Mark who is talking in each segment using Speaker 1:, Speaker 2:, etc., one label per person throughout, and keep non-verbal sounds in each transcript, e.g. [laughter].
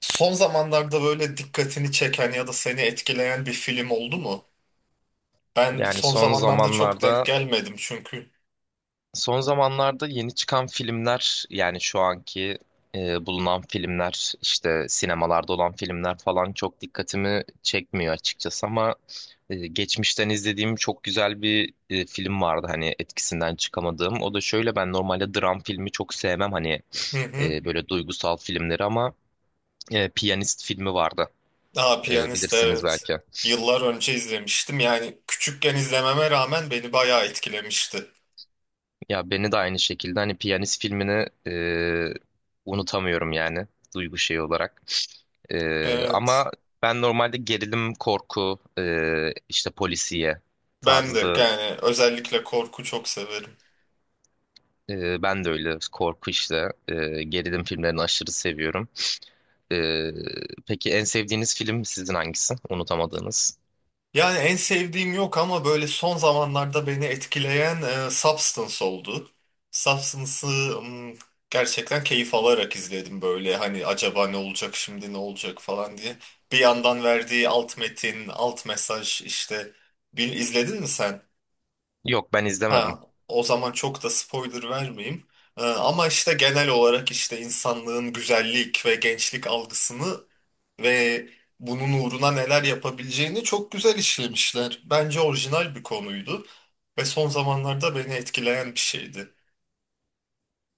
Speaker 1: Son zamanlarda böyle dikkatini çeken ya da seni etkileyen bir film oldu mu? Ben
Speaker 2: Yani
Speaker 1: son
Speaker 2: son
Speaker 1: zamanlarda çok denk
Speaker 2: zamanlarda
Speaker 1: gelmedim çünkü.
Speaker 2: son zamanlarda yeni çıkan filmler, yani şu anki bulunan filmler, işte sinemalarda olan filmler falan çok dikkatimi çekmiyor açıkçası. Ama geçmişten izlediğim çok güzel bir film vardı, hani etkisinden çıkamadığım. O da şöyle: ben normalde dram filmi çok sevmem, hani
Speaker 1: Hı hı.
Speaker 2: böyle duygusal filmleri. Ama Piyanist filmi vardı.
Speaker 1: Aa, Piyanist
Speaker 2: Bilirsiniz
Speaker 1: evet.
Speaker 2: belki.
Speaker 1: Yıllar önce izlemiştim. Yani küçükken izlememe rağmen beni bayağı etkilemişti.
Speaker 2: Ya beni de aynı şekilde, hani Piyanist filmini unutamıyorum yani, duygu şeyi olarak. E,
Speaker 1: Evet.
Speaker 2: ama ben normalde gerilim, korku, işte polisiye
Speaker 1: Ben de
Speaker 2: tarzı.
Speaker 1: yani özellikle korku çok severim.
Speaker 2: Ben de öyle, korku işte, gerilim filmlerini aşırı seviyorum. E, peki en sevdiğiniz film sizin hangisi? Unutamadığınız?
Speaker 1: Yani en sevdiğim yok ama böyle son zamanlarda beni etkileyen Substance oldu. Substance'ı mm, gerçekten keyif alarak izledim böyle hani acaba ne olacak şimdi ne olacak falan diye. Bir yandan verdiği alt metin, alt mesaj işte, bir izledin mi sen?
Speaker 2: Yok, ben izlemedim.
Speaker 1: Ha, o zaman çok da spoiler vermeyeyim. Ama işte genel olarak işte insanlığın güzellik ve gençlik algısını ve bunun uğruna neler yapabileceğini çok güzel işlemişler. Bence orijinal bir konuydu ve son zamanlarda beni etkileyen bir şeydi.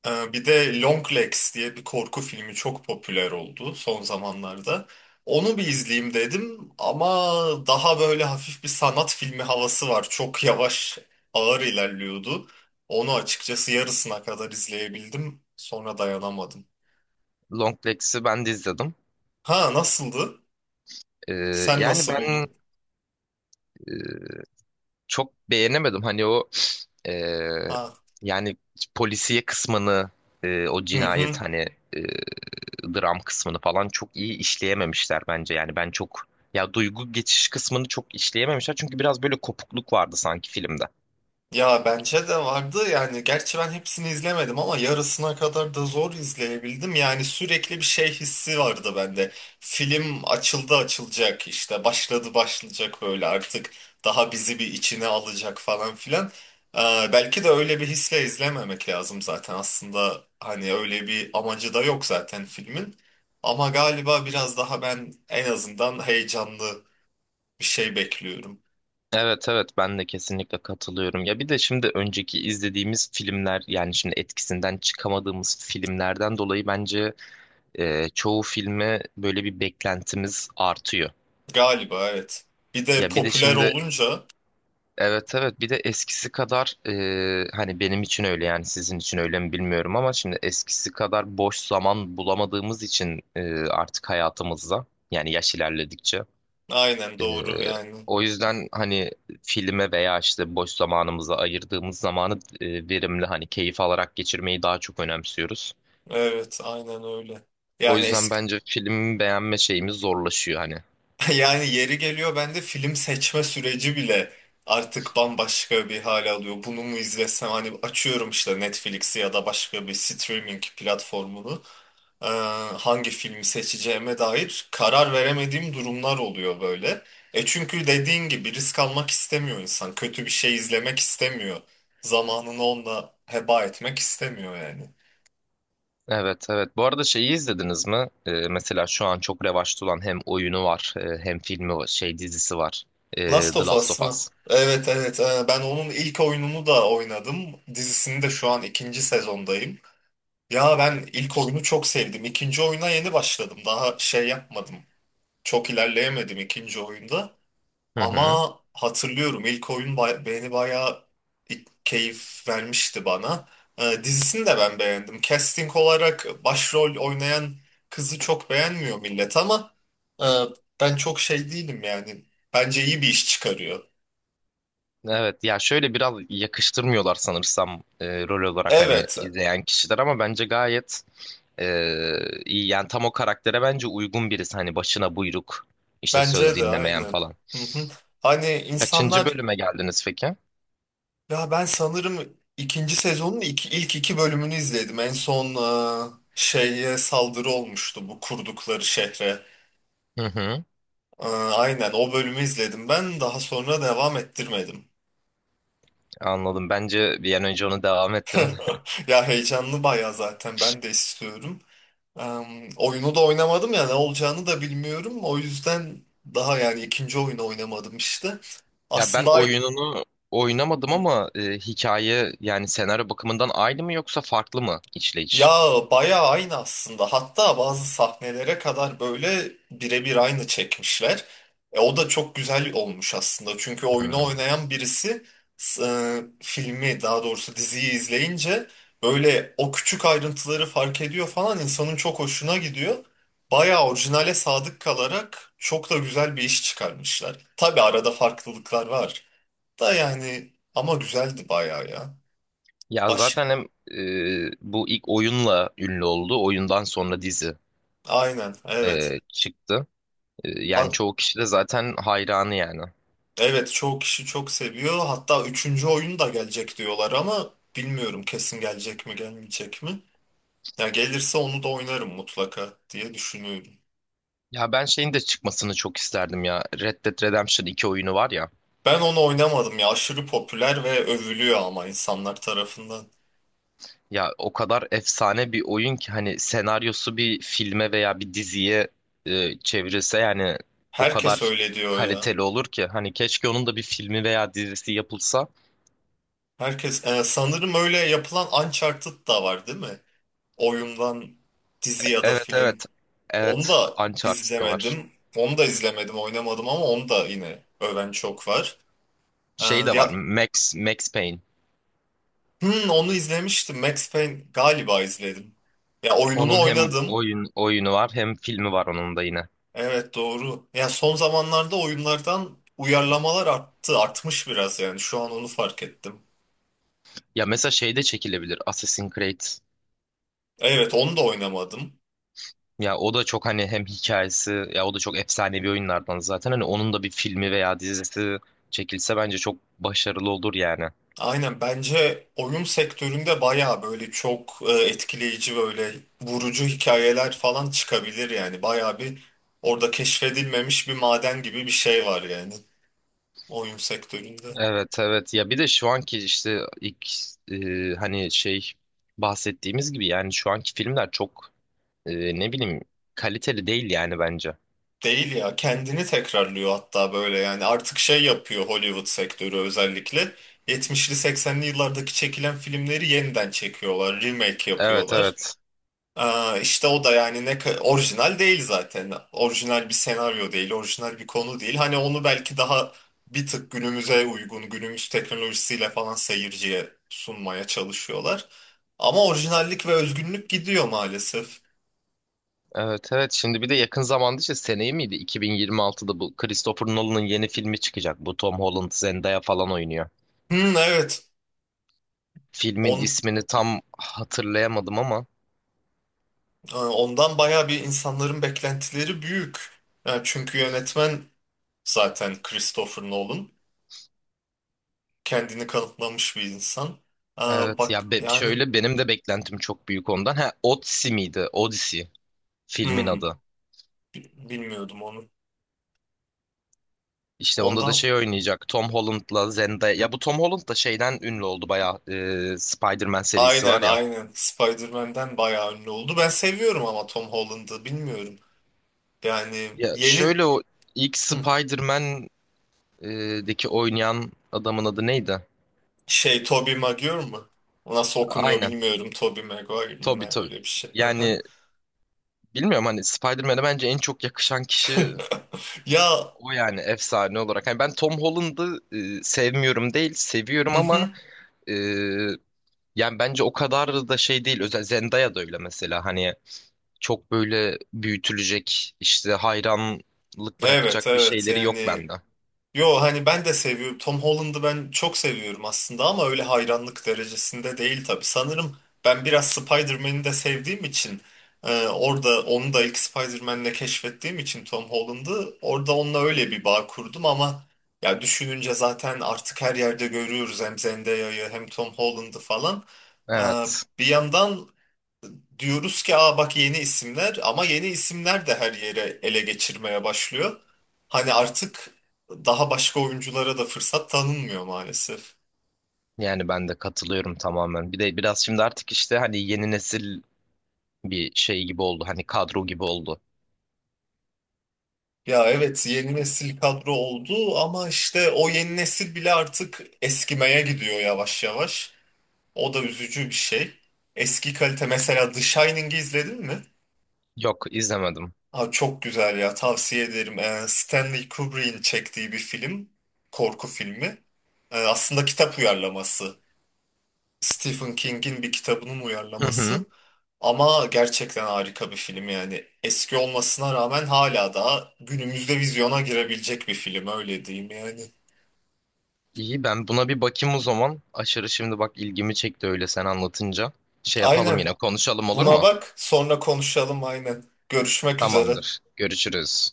Speaker 1: Bir de Long Legs diye bir korku filmi çok popüler oldu son zamanlarda. Onu bir izleyeyim dedim ama daha böyle hafif bir sanat filmi havası var. Çok yavaş, ağır ilerliyordu. Onu açıkçası yarısına kadar izleyebildim. Sonra dayanamadım.
Speaker 2: Long Legs'i ben de izledim.
Speaker 1: Ha, nasıldı?
Speaker 2: E,
Speaker 1: Sen
Speaker 2: yani
Speaker 1: nasıl
Speaker 2: ben
Speaker 1: buldun?
Speaker 2: çok beğenemedim. Hani o eee,
Speaker 1: Ha.
Speaker 2: yani polisiye kısmını, o
Speaker 1: Hı hı.
Speaker 2: cinayet hani, eee, dram kısmını falan çok iyi işleyememişler bence. Yani ben çok, ya duygu geçiş kısmını çok işleyememişler, çünkü biraz böyle kopukluk vardı sanki filmde.
Speaker 1: Ya bence de vardı yani, gerçi ben hepsini izlemedim ama yarısına kadar da zor izleyebildim. Yani sürekli bir şey hissi vardı bende. Film açıldı açılacak, işte başladı başlayacak, böyle artık daha bizi bir içine alacak falan filan. Ee, Belki de öyle bir hisle izlememek lazım zaten aslında, hani öyle bir amacı da yok zaten filmin. Ama galiba biraz daha ben en azından heyecanlı bir şey bekliyorum.
Speaker 2: Evet, evet, ben de kesinlikle katılıyorum. Ya bir de şimdi önceki izlediğimiz filmler, yani şimdi etkisinden çıkamadığımız filmlerden dolayı bence çoğu filme böyle bir beklentimiz artıyor.
Speaker 1: Galiba evet. Bir de
Speaker 2: Ya bir de
Speaker 1: popüler
Speaker 2: şimdi,
Speaker 1: olunca,
Speaker 2: evet, evet, bir de eskisi kadar, hani benim için öyle, yani sizin için öyle mi bilmiyorum, ama şimdi eskisi kadar boş zaman bulamadığımız için artık hayatımızda, yani yaş ilerledikçe,
Speaker 1: aynen
Speaker 2: e,
Speaker 1: doğru yani.
Speaker 2: o yüzden hani filme veya işte boş zamanımıza ayırdığımız zamanı verimli, hani keyif alarak geçirmeyi daha çok önemsiyoruz.
Speaker 1: Evet aynen öyle.
Speaker 2: O
Speaker 1: Yani
Speaker 2: yüzden
Speaker 1: eski
Speaker 2: bence film beğenme şeyimiz zorlaşıyor hani.
Speaker 1: [laughs] yani yeri geliyor bende film seçme süreci bile artık bambaşka bir hal alıyor. Bunu mu izlesem hani, açıyorum işte Netflix'i ya da başka bir streaming platformunu. Ee, Hangi filmi seçeceğime dair karar veremediğim durumlar oluyor böyle. E çünkü dediğin gibi risk almak istemiyor insan. Kötü bir şey izlemek istemiyor. Zamanını onunla heba etmek istemiyor yani.
Speaker 2: Evet, evet. Bu arada şeyi izlediniz mi? Mesela şu an çok revaçta olan, hem oyunu var hem filmi var, şey, dizisi var.
Speaker 1: Last
Speaker 2: The
Speaker 1: of
Speaker 2: Last of
Speaker 1: Us mı?
Speaker 2: Us.
Speaker 1: Evet evet. Ben onun ilk oyununu da oynadım. Dizisini de şu an ikinci sezondayım. Ya ben ilk oyunu çok sevdim. İkinci oyuna yeni başladım. Daha şey yapmadım. Çok ilerleyemedim ikinci oyunda.
Speaker 2: Hı hı.
Speaker 1: Ama hatırlıyorum, ilk oyun beni bayağı keyif vermişti bana. Dizisini de ben beğendim. Casting olarak başrol oynayan kızı çok beğenmiyor millet ama e, ben çok şey değilim yani. Bence iyi bir iş çıkarıyor.
Speaker 2: Evet, ya şöyle biraz yakıştırmıyorlar sanırsam rol olarak, hani
Speaker 1: Evet,
Speaker 2: izleyen kişiler, ama bence gayet iyi. Yani tam o karaktere bence uygun birisi, hani başına buyruk, işte söz
Speaker 1: bence de
Speaker 2: dinlemeyen
Speaker 1: aynen.
Speaker 2: falan.
Speaker 1: Hı hı. Hani
Speaker 2: Kaçıncı
Speaker 1: insanlar,
Speaker 2: bölüme geldiniz peki?
Speaker 1: ya ben sanırım ikinci sezonun ilk iki bölümünü izledim. En son şeye saldırı olmuştu bu kurdukları şehre.
Speaker 2: Hı hı.
Speaker 1: Aynen o bölümü izledim ben. Daha sonra devam ettirmedim.
Speaker 2: Anladım. Bence bir an önce onu devam ettirin.
Speaker 1: [laughs] Ya heyecanlı baya, zaten ben de istiyorum. E, Oyunu da oynamadım, ya ne olacağını da bilmiyorum. O yüzden daha yani ikinci oyunu oynamadım işte.
Speaker 2: Ya ben
Speaker 1: Aslında
Speaker 2: oyununu oynamadım ama hikaye, yani senaryo bakımından aynı mı yoksa farklı mı
Speaker 1: ya
Speaker 2: işleyiş?
Speaker 1: bayağı aynı aslında. Hatta bazı sahnelere kadar böyle birebir aynı çekmişler. E, o da çok güzel olmuş aslında. Çünkü oyunu
Speaker 2: Hmm.
Speaker 1: oynayan birisi filmi, daha doğrusu diziyi izleyince böyle o küçük ayrıntıları fark ediyor falan, insanın çok hoşuna gidiyor. Bayağı orijinale sadık kalarak çok da güzel bir iş çıkarmışlar. Tabii arada farklılıklar var da yani, ama güzeldi bayağı ya.
Speaker 2: Ya
Speaker 1: Baş,
Speaker 2: zaten hem bu ilk oyunla ünlü oldu. Oyundan sonra dizi
Speaker 1: aynen evet.
Speaker 2: çıktı. Yani
Speaker 1: A-
Speaker 2: çoğu kişi de zaten hayranı yani.
Speaker 1: Evet çoğu kişi çok seviyor. Hatta üçüncü oyun da gelecek diyorlar ama bilmiyorum kesin gelecek mi gelmeyecek mi. Ya gelirse onu da oynarım mutlaka diye düşünüyorum.
Speaker 2: Ya ben şeyin de çıkmasını çok isterdim ya. Red Dead Redemption iki oyunu var ya.
Speaker 1: Ben onu oynamadım ya, aşırı popüler ve övülüyor ama insanlar tarafından.
Speaker 2: Ya o kadar efsane bir oyun ki, hani senaryosu bir filme veya bir diziye çevrilse, yani o
Speaker 1: Herkes
Speaker 2: kadar
Speaker 1: öyle diyor ya.
Speaker 2: kaliteli olur ki, hani keşke onun da bir filmi veya dizisi yapılsa.
Speaker 1: Herkes sanırım öyle yapılan Uncharted da var değil mi? Oyundan dizi ya da
Speaker 2: Evet,
Speaker 1: film.
Speaker 2: evet.
Speaker 1: Onu
Speaker 2: Evet,
Speaker 1: da
Speaker 2: Uncharted da var.
Speaker 1: izlemedim. Onu da izlemedim, oynamadım ama onu da yine öven çok var. Ee,
Speaker 2: Şey de var,
Speaker 1: Ya
Speaker 2: Max Payne.
Speaker 1: Hmm, onu izlemiştim. Max Payne galiba izledim. Ya oyununu
Speaker 2: Onun hem
Speaker 1: oynadım.
Speaker 2: oyun, oyunu var hem filmi var, onun da yine.
Speaker 1: Evet doğru. Ya son zamanlarda oyunlardan uyarlamalar arttı. Artmış biraz yani. Şu an onu fark ettim.
Speaker 2: Ya mesela şey de çekilebilir, Assassin's Creed.
Speaker 1: Evet onu da oynamadım.
Speaker 2: Ya o da çok, hani hem hikayesi, ya o da çok efsanevi oyunlardan zaten. Hani onun da bir filmi veya dizisi çekilse bence çok başarılı olur yani.
Speaker 1: Aynen, bence oyun sektöründe baya böyle çok etkileyici, böyle vurucu hikayeler falan çıkabilir yani. Baya bir orada keşfedilmemiş bir maden gibi bir şey var yani oyun sektöründe.
Speaker 2: Evet, evet, ya bir de şu anki işte ilk, hani şey bahsettiğimiz gibi, yani şu anki filmler çok, ne bileyim, kaliteli değil yani bence.
Speaker 1: Değil ya, kendini tekrarlıyor hatta, böyle yani artık şey yapıyor Hollywood sektörü, özellikle 70'li 80'li yıllardaki çekilen filmleri yeniden çekiyorlar, remake
Speaker 2: Evet,
Speaker 1: yapıyorlar.
Speaker 2: evet.
Speaker 1: Aa, işte o da yani ne orijinal değil, zaten orijinal bir senaryo değil, orijinal bir konu değil, hani onu belki daha bir tık günümüze uygun, günümüz teknolojisiyle falan seyirciye sunmaya çalışıyorlar. Ama orijinallik ve özgünlük gidiyor maalesef.
Speaker 2: Evet, evet, şimdi bir de yakın zamanda, işte seneye miydi, 2026'da bu Christopher Nolan'ın yeni filmi çıkacak. Bu Tom Holland, Zendaya falan oynuyor.
Speaker 1: Hmm, evet.
Speaker 2: Filmin
Speaker 1: on
Speaker 2: ismini tam hatırlayamadım ama
Speaker 1: Ondan bayağı bir insanların beklentileri büyük. Yani çünkü yönetmen zaten Christopher Nolan. Kendini kanıtlamış bir insan. Aa,
Speaker 2: evet,
Speaker 1: bak
Speaker 2: ya
Speaker 1: yani,
Speaker 2: şöyle benim de beklentim çok büyük ondan. Ha, Odyssey miydi? Odyssey filmin
Speaker 1: hmm,
Speaker 2: adı.
Speaker 1: bilmiyordum onu.
Speaker 2: İşte onda da
Speaker 1: Ondan,
Speaker 2: şey oynayacak, Tom Holland'la Zendaya. Ya bu Tom Holland da şeyden ünlü oldu bayağı. Spider-Man serisi
Speaker 1: aynen
Speaker 2: var ya.
Speaker 1: aynen, Spider-Man'den bayağı ünlü oldu. Ben seviyorum ama Tom Holland'ı bilmiyorum. Yani
Speaker 2: Ya
Speaker 1: yeni,
Speaker 2: şöyle o ilk
Speaker 1: hmm,
Speaker 2: Spider-Man'deki oynayan adamın adı neydi?
Speaker 1: şey, Tobey Maguire mı? O nasıl okunuyor
Speaker 2: Aynen.
Speaker 1: bilmiyorum. Tobey Maguire mı,
Speaker 2: Tobey
Speaker 1: ne
Speaker 2: Tobey.
Speaker 1: öyle bir şey.
Speaker 2: Yani bilmiyorum, hani Spider-Man'e bence en çok yakışan kişi
Speaker 1: [laughs] Ya,
Speaker 2: o yani, efsane olarak. Hani ben Tom Holland'ı sevmiyorum değil,
Speaker 1: hı
Speaker 2: seviyorum
Speaker 1: hı.
Speaker 2: ama yani bence o kadar da şey değil. Özel Zendaya da öyle mesela. Hani çok böyle büyütülecek, işte hayranlık
Speaker 1: Evet
Speaker 2: bırakacak bir
Speaker 1: evet
Speaker 2: şeyleri yok
Speaker 1: yani,
Speaker 2: bende.
Speaker 1: yo hani ben de seviyorum. Tom Holland'ı ben çok seviyorum aslında ama öyle hayranlık derecesinde değil tabii. Sanırım ben biraz Spider-Man'i de sevdiğim için, orada onu da ilk Spider-Man'le keşfettiğim için Tom Holland'ı orada onunla öyle bir bağ kurdum ama, ya düşününce zaten artık her yerde görüyoruz hem Zendaya'yı hem Tom Holland'ı falan. E,
Speaker 2: Evet.
Speaker 1: Bir yandan diyoruz ki aa bak yeni isimler, ama yeni isimler de her yere ele geçirmeye başlıyor. Hani artık daha başka oyunculara da fırsat tanınmıyor maalesef.
Speaker 2: Yani ben de katılıyorum tamamen. Bir de biraz şimdi artık işte hani yeni nesil bir şey gibi oldu. Hani kadro gibi oldu.
Speaker 1: Ya evet yeni nesil kadro oldu ama işte o yeni nesil bile artık eskimeye gidiyor yavaş yavaş. O da üzücü bir şey. Eski kalite, mesela The Shining'i izledin mi?
Speaker 2: Yok izlemedim.
Speaker 1: Abi çok güzel ya, tavsiye ederim. Stanley Kubrick'in çektiği bir film, korku filmi. Aslında kitap uyarlaması. Stephen King'in bir kitabının
Speaker 2: Hı hı.
Speaker 1: uyarlaması. Ama gerçekten harika bir film yani. Eski olmasına rağmen hala daha günümüzde vizyona girebilecek bir film, öyle diyeyim yani.
Speaker 2: İyi, ben buna bir bakayım o zaman. Aşırı, şimdi bak ilgimi çekti öyle sen anlatınca. Şey yapalım,
Speaker 1: Aynen.
Speaker 2: yine konuşalım, olur
Speaker 1: Buna
Speaker 2: mu?
Speaker 1: bak, sonra konuşalım aynen. Görüşmek üzere.
Speaker 2: Tamamdır. Görüşürüz.